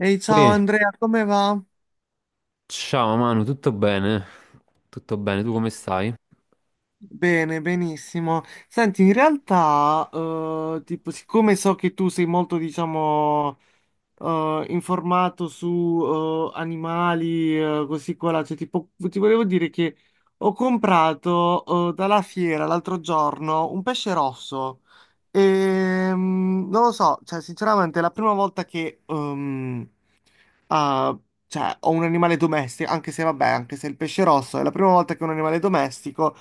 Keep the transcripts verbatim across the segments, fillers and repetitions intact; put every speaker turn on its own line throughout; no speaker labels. Ehi, ciao
Ui,
Andrea, come va?
ciao Manu, tutto bene? Tutto bene, tu come stai?
Bene, benissimo. Senti, in realtà, eh, tipo, siccome so che tu sei molto, diciamo, eh, informato su eh, animali, eh, così qua, là, cioè, tipo, ti volevo dire che ho comprato eh, dalla fiera l'altro giorno un pesce rosso. E, mm, non lo so, cioè, sinceramente, è la prima volta che ehm, Ah, cioè, ho un animale domestico, anche se vabbè, anche se il pesce rosso è la prima volta che ho un animale domestico.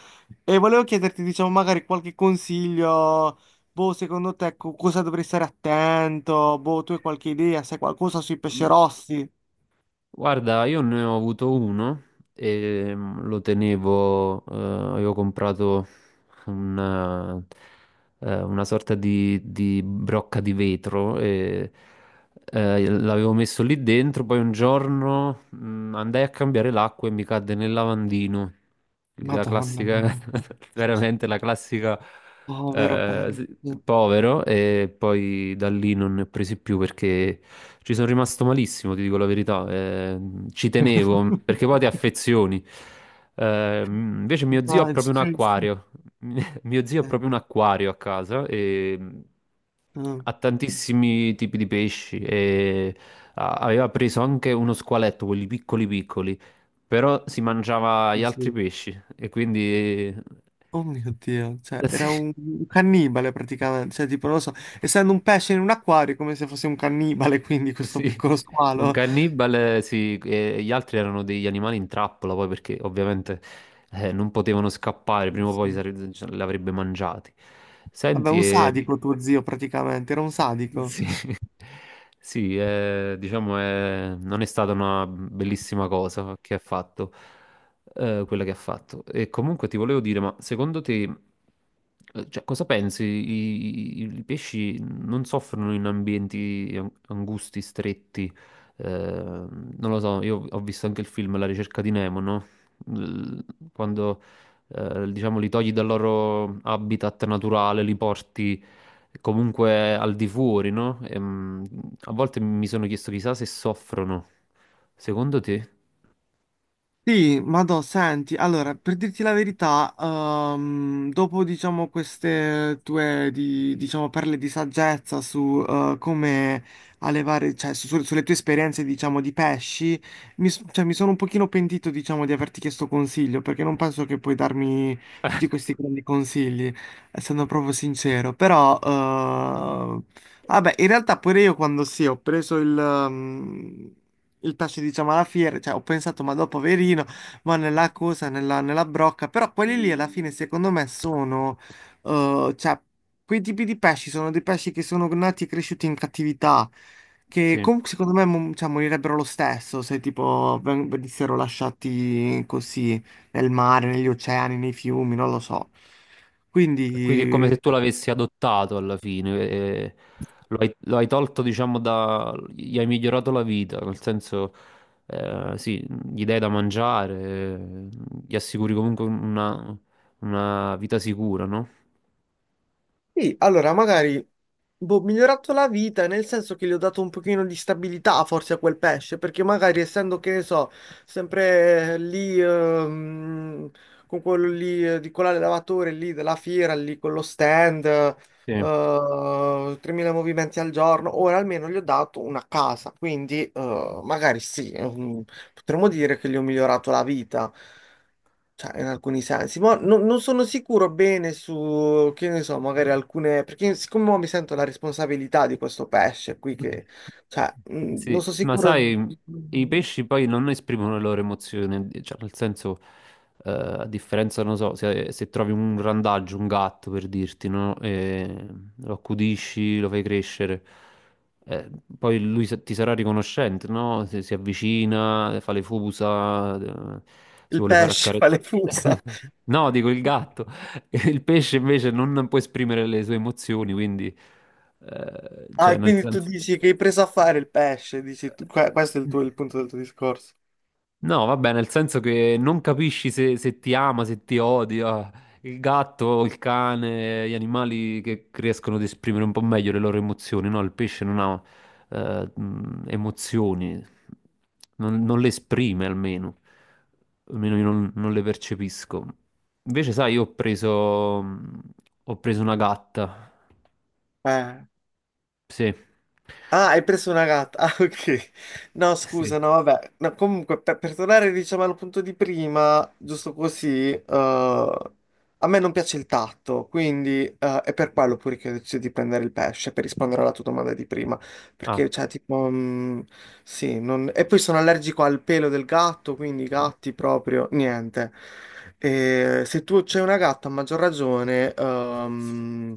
E volevo chiederti, diciamo, magari qualche consiglio. Boh, secondo te co- cosa dovrei stare attento? Boh, tu hai qualche idea? Sai qualcosa sui pesci rossi?
Guarda, io ne ho avuto uno e mm, lo tenevo, eh, avevo comprato una, eh, una sorta di, di brocca di vetro e eh, l'avevo messo lì dentro, poi un giorno mm, andai a cambiare l'acqua e mi cadde nel lavandino. La
Madonna,
classica,
mia,
veramente la classica,
povero
eh, sì,
pesce.
povero e poi da lì non ne ho presi più perché... Ci sono rimasto malissimo, ti dico la verità. Eh, ci tenevo perché poi ti affezioni. Eh, invece mio zio ha proprio un
Immagino.
acquario. Mio zio ha
Eh,
proprio un acquario a casa e
eh,
ha tantissimi tipi di pesci e a- aveva preso anche uno squaletto, quelli piccoli piccoli, però si mangiava
sì.
gli altri
Sì.
pesci e quindi...
Oh mio Dio, cioè era
sì.
un un cannibale praticamente, cioè tipo non lo so, essendo un pesce in un acquario è come se fosse un cannibale, quindi questo
Sì,
piccolo
un
squalo.
cannibale, sì, e gli altri erano degli animali in trappola, poi perché ovviamente eh, non potevano scappare,
Sì.
prima o poi
Sì.
sare- ce li avrebbe mangiati.
Vabbè,
Senti,
un
e
sadico tuo zio praticamente, era un sadico.
sì, sì, eh, diciamo è- non è stata una bellissima cosa che ha fatto, eh, quella che ha fatto. E comunque ti volevo dire, ma secondo te, eh, cioè, cosa pensi? I, i- I pesci non soffrono in ambienti an- angusti, stretti? Eh, non lo so, io ho visto anche il film La ricerca di Nemo, no? L- Quando, eh, diciamo, li togli dal loro habitat naturale, li porti comunque al di fuori, no? Ehm, a volte mi sono chiesto chissà se soffrono. Secondo te?
Sì, Madò, senti, allora, per dirti la verità, ehm, dopo, diciamo, queste tue, di- diciamo, perle di saggezza su eh, come allevare, cioè, su- sulle tue esperienze, diciamo, di pesci, mi, s- cioè, mi sono un pochino pentito, diciamo, di averti chiesto consiglio, perché non penso che puoi darmi tutti questi grandi consigli, essendo proprio sincero, però, eh, vabbè, in realtà pure io quando sì, ho preso il... ehm, il tasso diciamo alla fiera, cioè ho pensato ma dopo poverino, va nella cosa, nella, nella brocca, però quelli lì alla fine secondo me sono, eh, cioè quei tipi di pesci sono dei pesci che sono nati e cresciuti in cattività, che
Sì.
comunque secondo me mo- cioè, morirebbero lo stesso se tipo ven- venissero lasciati così nel mare, negli oceani, nei fiumi, non lo so.
Quindi è come se
Quindi
tu l'avessi adottato alla fine, eh, eh, lo hai, lo hai tolto, diciamo, da... gli hai migliorato la vita, nel senso, eh, sì, gli dai da mangiare, eh, gli assicuri comunque una, una vita sicura, no?
sì, allora magari boh, ho migliorato la vita nel senso che gli ho dato un pochino di stabilità forse a quel pesce, perché magari essendo che ne so, sempre lì ehm, con quello lì eh, di quell'allevatore lì della fiera, lì con lo stand, eh,
Sì.
tremila movimenti al giorno, ora almeno gli ho dato una casa, quindi eh, magari sì, ehm, potremmo dire che gli ho migliorato la vita. Cioè, in alcuni sensi, ma no- non sono sicuro bene su, che ne so, magari alcune, perché siccome mo mi sento la responsabilità di questo pesce qui che, cioè, mh, non
Sì,
sono
ma
sicuro di-
sai, i pesci poi non esprimono le loro emozioni, cioè nel senso, eh, a differenza, non so, se, se trovi un randaggio, un gatto per dirti, no? E lo accudisci, lo fai crescere, eh, poi lui sa- ti sarà riconoscente, no? Se si avvicina, fa le fusa, eh, si
il
vuole fare
pesce fa le
accarezzare.
fusa.
No, dico il gatto. Il pesce invece non può esprimere le sue emozioni, quindi, eh, cioè
Ah,
nel
quindi tu
senso...
dici che hai preso a fare il pesce, dici tu, que- questo è il tuo, il punto del tuo discorso.
No, vabbè, nel senso che non capisci se, se ti ama, se ti odia. Il gatto, il cane, gli animali che riescono ad esprimere un po' meglio le loro emozioni, no? Il pesce non ha eh, mh, emozioni, non, non le esprime almeno, almeno io non, non le percepisco. Invece, sai, io ho preso, mh, ho preso una gatta,
Eh.
sì,
Ah, hai preso una gatta. Ah, ok. No,
sì,
scusa, no, vabbè. No, comunque, per, per tornare, diciamo, al punto di prima, giusto così, eh, a me non piace il tatto, quindi eh, è per quello pure che ho deciso di prendere il pesce, per rispondere alla tua domanda di prima.
ah.
Perché, cioè, tipo, mh, sì, non- e poi sono allergico al pelo del gatto, quindi i gatti proprio, niente. E se tu c'hai una gatta, a maggior ragione, ehm,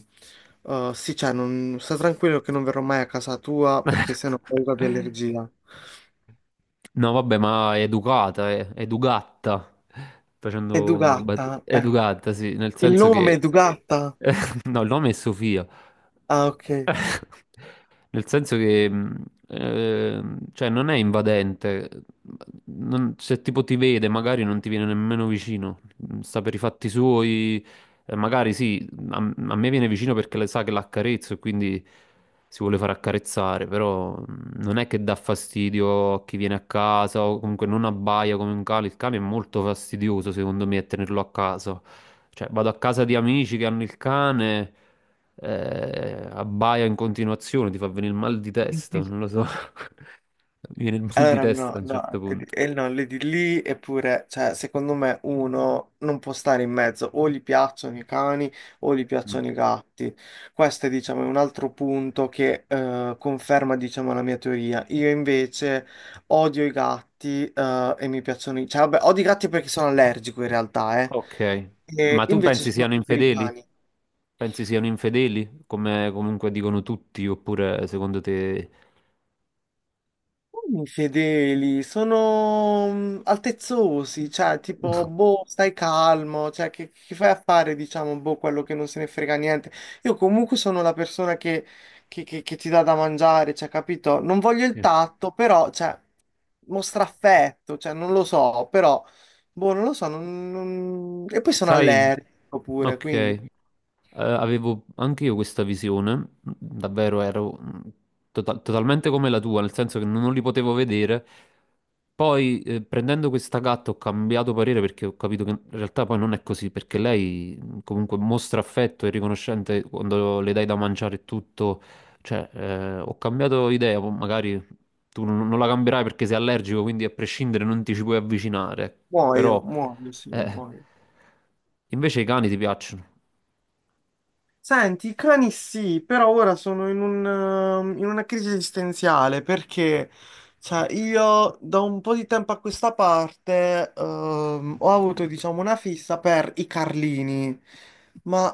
eh, sì, cioè, non... sta tranquillo che non verrò mai a casa tua, perché sennò ho paura di allergia.
No, vabbè, ma è educata, è è educata.
E
Facendo una bat-
Dugatta, ecco.
educata, sì, nel
Il
senso
nome
che
è Dugatta?
no, il nome è Sofia.
Ah, ok.
Nel senso che, mh, ehm, eh, cioè, non è invadente. Non- se tipo ti vede, magari non ti viene nemmeno vicino. Sta per i fatti suoi. Eh, magari sì, a, a me viene vicino perché le sa che l'accarezzo e quindi si vuole far accarezzare. Però mh, non è che dà fastidio a chi viene a casa o comunque non abbaia come un cane. Il cane è molto fastidioso, secondo me, a tenerlo a casa. Cioè, vado a casa di amici che hanno il cane, eh, abbaia in continuazione, ti fa venire il mal di testa, non lo so. Mi viene il mal di
Allora, no,
testa a un certo
no, e
punto.
e no, le di lì, eppure, cioè, secondo me uno non può stare in mezzo, o gli piacciono i cani o gli
Mm.
piacciono i gatti. Questo è, diciamo, un altro punto che eh, conferma, diciamo, la mia teoria. Io invece odio i gatti eh, e mi piacciono i... Cioè, vabbè, odio i gatti perché sono allergico in realtà, eh.
Ok.
E
Ma tu
invece
pensi
sono
siano
più per i
infedeli?
cani.
Pensi siano infedeli, come comunque dicono tutti, oppure secondo te...
Infedeli, sono mm, altezzosi, cioè tipo, boh, stai calmo, cioè che, che fai a fare, diciamo, boh, quello che non se ne frega niente. Io comunque sono la persona che, che- che- che ti dà da mangiare, cioè, capito? Non voglio il
Sì.
tatto, però, cioè, mostra affetto, cioè, non lo so, però, boh, non lo so, non- non- e poi sono
Sai?
allergico pure,
Ok.
quindi
Eh, avevo anche io questa visione, davvero ero mm, tota- totalmente come la tua, nel senso che non li potevo vedere. Poi eh, prendendo questa gatta ho cambiato parere perché ho capito che in realtà poi non è così, perché lei mm, comunque mostra affetto e riconoscente quando le dai da mangiare e tutto. Cioè, eh, ho cambiato idea, poi magari tu non non la cambierai perché sei allergico, quindi a prescindere non ti ci puoi avvicinare. Però,
muoio, muoio, sì,
eh,
muoio.
invece i cani ti piacciono,
Senti, i cani sì, però ora sono in un, ehm, in una crisi esistenziale perché cioè, io da un po' di tempo a questa parte ehm, ho avuto diciamo una fissa per i Carlini, ma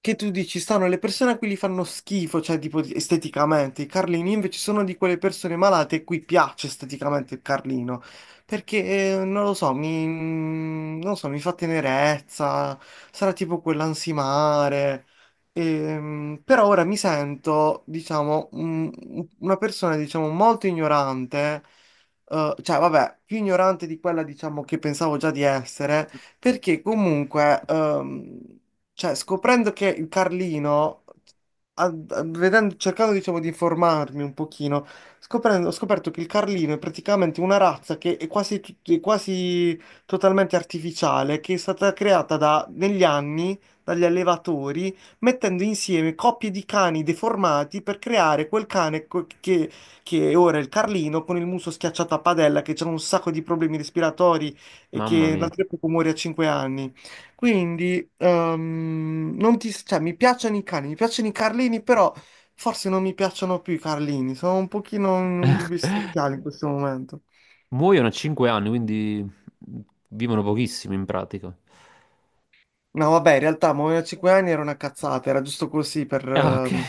che tu dici, stanno le persone a cui gli fanno schifo, cioè tipo di- esteticamente, i Carlini invece sono di quelle persone malate a cui piace esteticamente il Carlino, perché eh, non lo so, mi, non lo so, mi fa tenerezza, sarà tipo quell'ansimare, ehm, però ora mi sento, diciamo, un- una persona, diciamo, molto ignorante, eh, cioè vabbè, più ignorante di quella, diciamo, che pensavo già di essere, perché comunque... ehm, cioè, scoprendo che il Carlino, a- a- vedendo- cercando diciamo di informarmi un pochino, scoprendo- ho scoperto che il Carlino è praticamente una razza che è quasi, tut- è quasi totalmente artificiale, che è stata creata da- negli anni dagli allevatori, mettendo insieme coppie di cani deformati per creare quel cane co- che, che è ora il Carlino con il muso schiacciato a padella, che ha un sacco di problemi respiratori e
mamma
che
mia.
l'altro muore a cinque anni. Quindi, ehm, non ti, cioè, mi piacciono i cani, mi piacciono i Carlini, però forse non mi piacciono più i Carlini, sono un pochino in un dubbio esistenziale in questo momento.
Muoiono a cinque anni, quindi mh, vivono pochissimo in pratica.
No, vabbè, in realtà muoiono a cinque anni era una cazzata, era giusto così per,
Ah, ok.
ehm,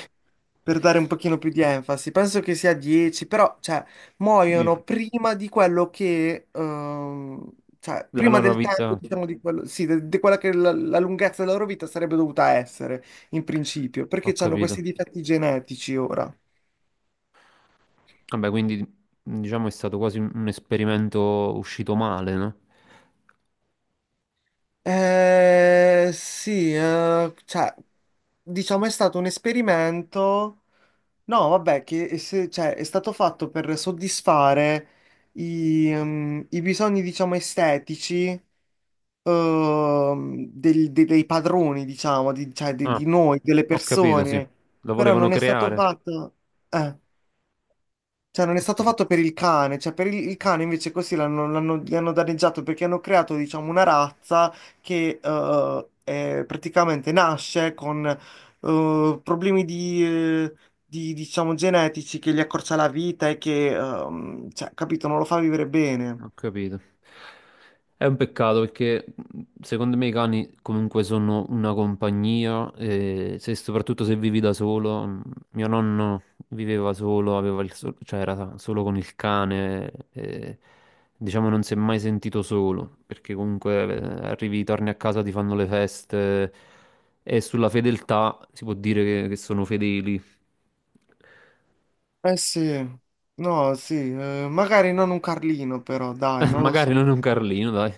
per dare un pochino più di enfasi. Penso che sia dieci, però, cioè,
Vi-
muoiono prima di quello che, ehm, cioè,
La
prima
loro
del tempo,
vita,
diciamo, di quello, sì, de- di quella che la, la lunghezza della loro vita sarebbe dovuta essere, in principio,
ho
perché hanno
capito.
questi difetti genetici ora.
Vabbè, quindi diciamo è stato quasi un un esperimento uscito male, no?
Eh, sì, eh, cioè, diciamo è stato un esperimento. No, vabbè, che e se- cioè, è stato fatto per soddisfare i, ehm, i bisogni, diciamo, estetici, ehm, del- de- dei padroni, diciamo, di, cioè, di,
Ah,
di noi, delle
ho capito, sì.
persone,
Lo
però
volevano
non è stato
creare.
fatto... eh. Cioè, non è
Ho
stato fatto
capito.
per il cane, cioè per il, il cane invece così l'hanno, l'hanno- gli hanno danneggiato perché hanno creato, diciamo, una razza che eh, è- praticamente nasce con eh, problemi di, eh, di, diciamo, genetici che gli accorcia la vita e che, ehm, cioè, capito, non lo fa vivere bene.
Ho capito. È un peccato perché mh, secondo me i cani comunque sono una compagnia e se- soprattutto se vivi da solo, mh, mio nonno viveva solo, aveva il sol- cioè era solo con il cane e diciamo non si è mai sentito solo perché comunque eh, arrivi, torni a casa, ti fanno le feste e sulla fedeltà si può dire che che sono fedeli.
Eh sì, no, sì, eh, magari non un Carlino però, dai,
Eh,
non lo
Magari
so.
non è un Carlino, dai.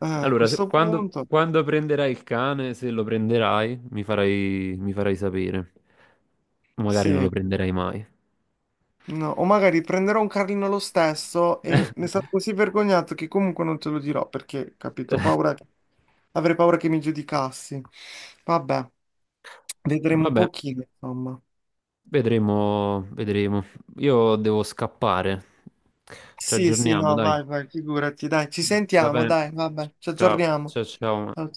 Eh, a
Allora, se-
questo
quando,
punto,
quando prenderai il cane, se lo prenderai, mi farai, mi farai sapere. Magari non lo
sì.
prenderai mai.
No, o magari prenderò un carlino lo stesso e ne sarò così vergognato che comunque non te lo dirò perché, capito, paura che- avrei paura che mi giudicassi. Vabbè, vedremo un
Vabbè,
pochino, insomma.
vedremo, vedremo. Io devo scappare. Ci
Sì, sì,
aggiorniamo,
no,
dai.
vai, vai, figurati, dai, ci
Va
sentiamo,
bene.
dai, vabbè, ci
Ciao,
aggiorniamo.
ciao, ciao.
Ciao,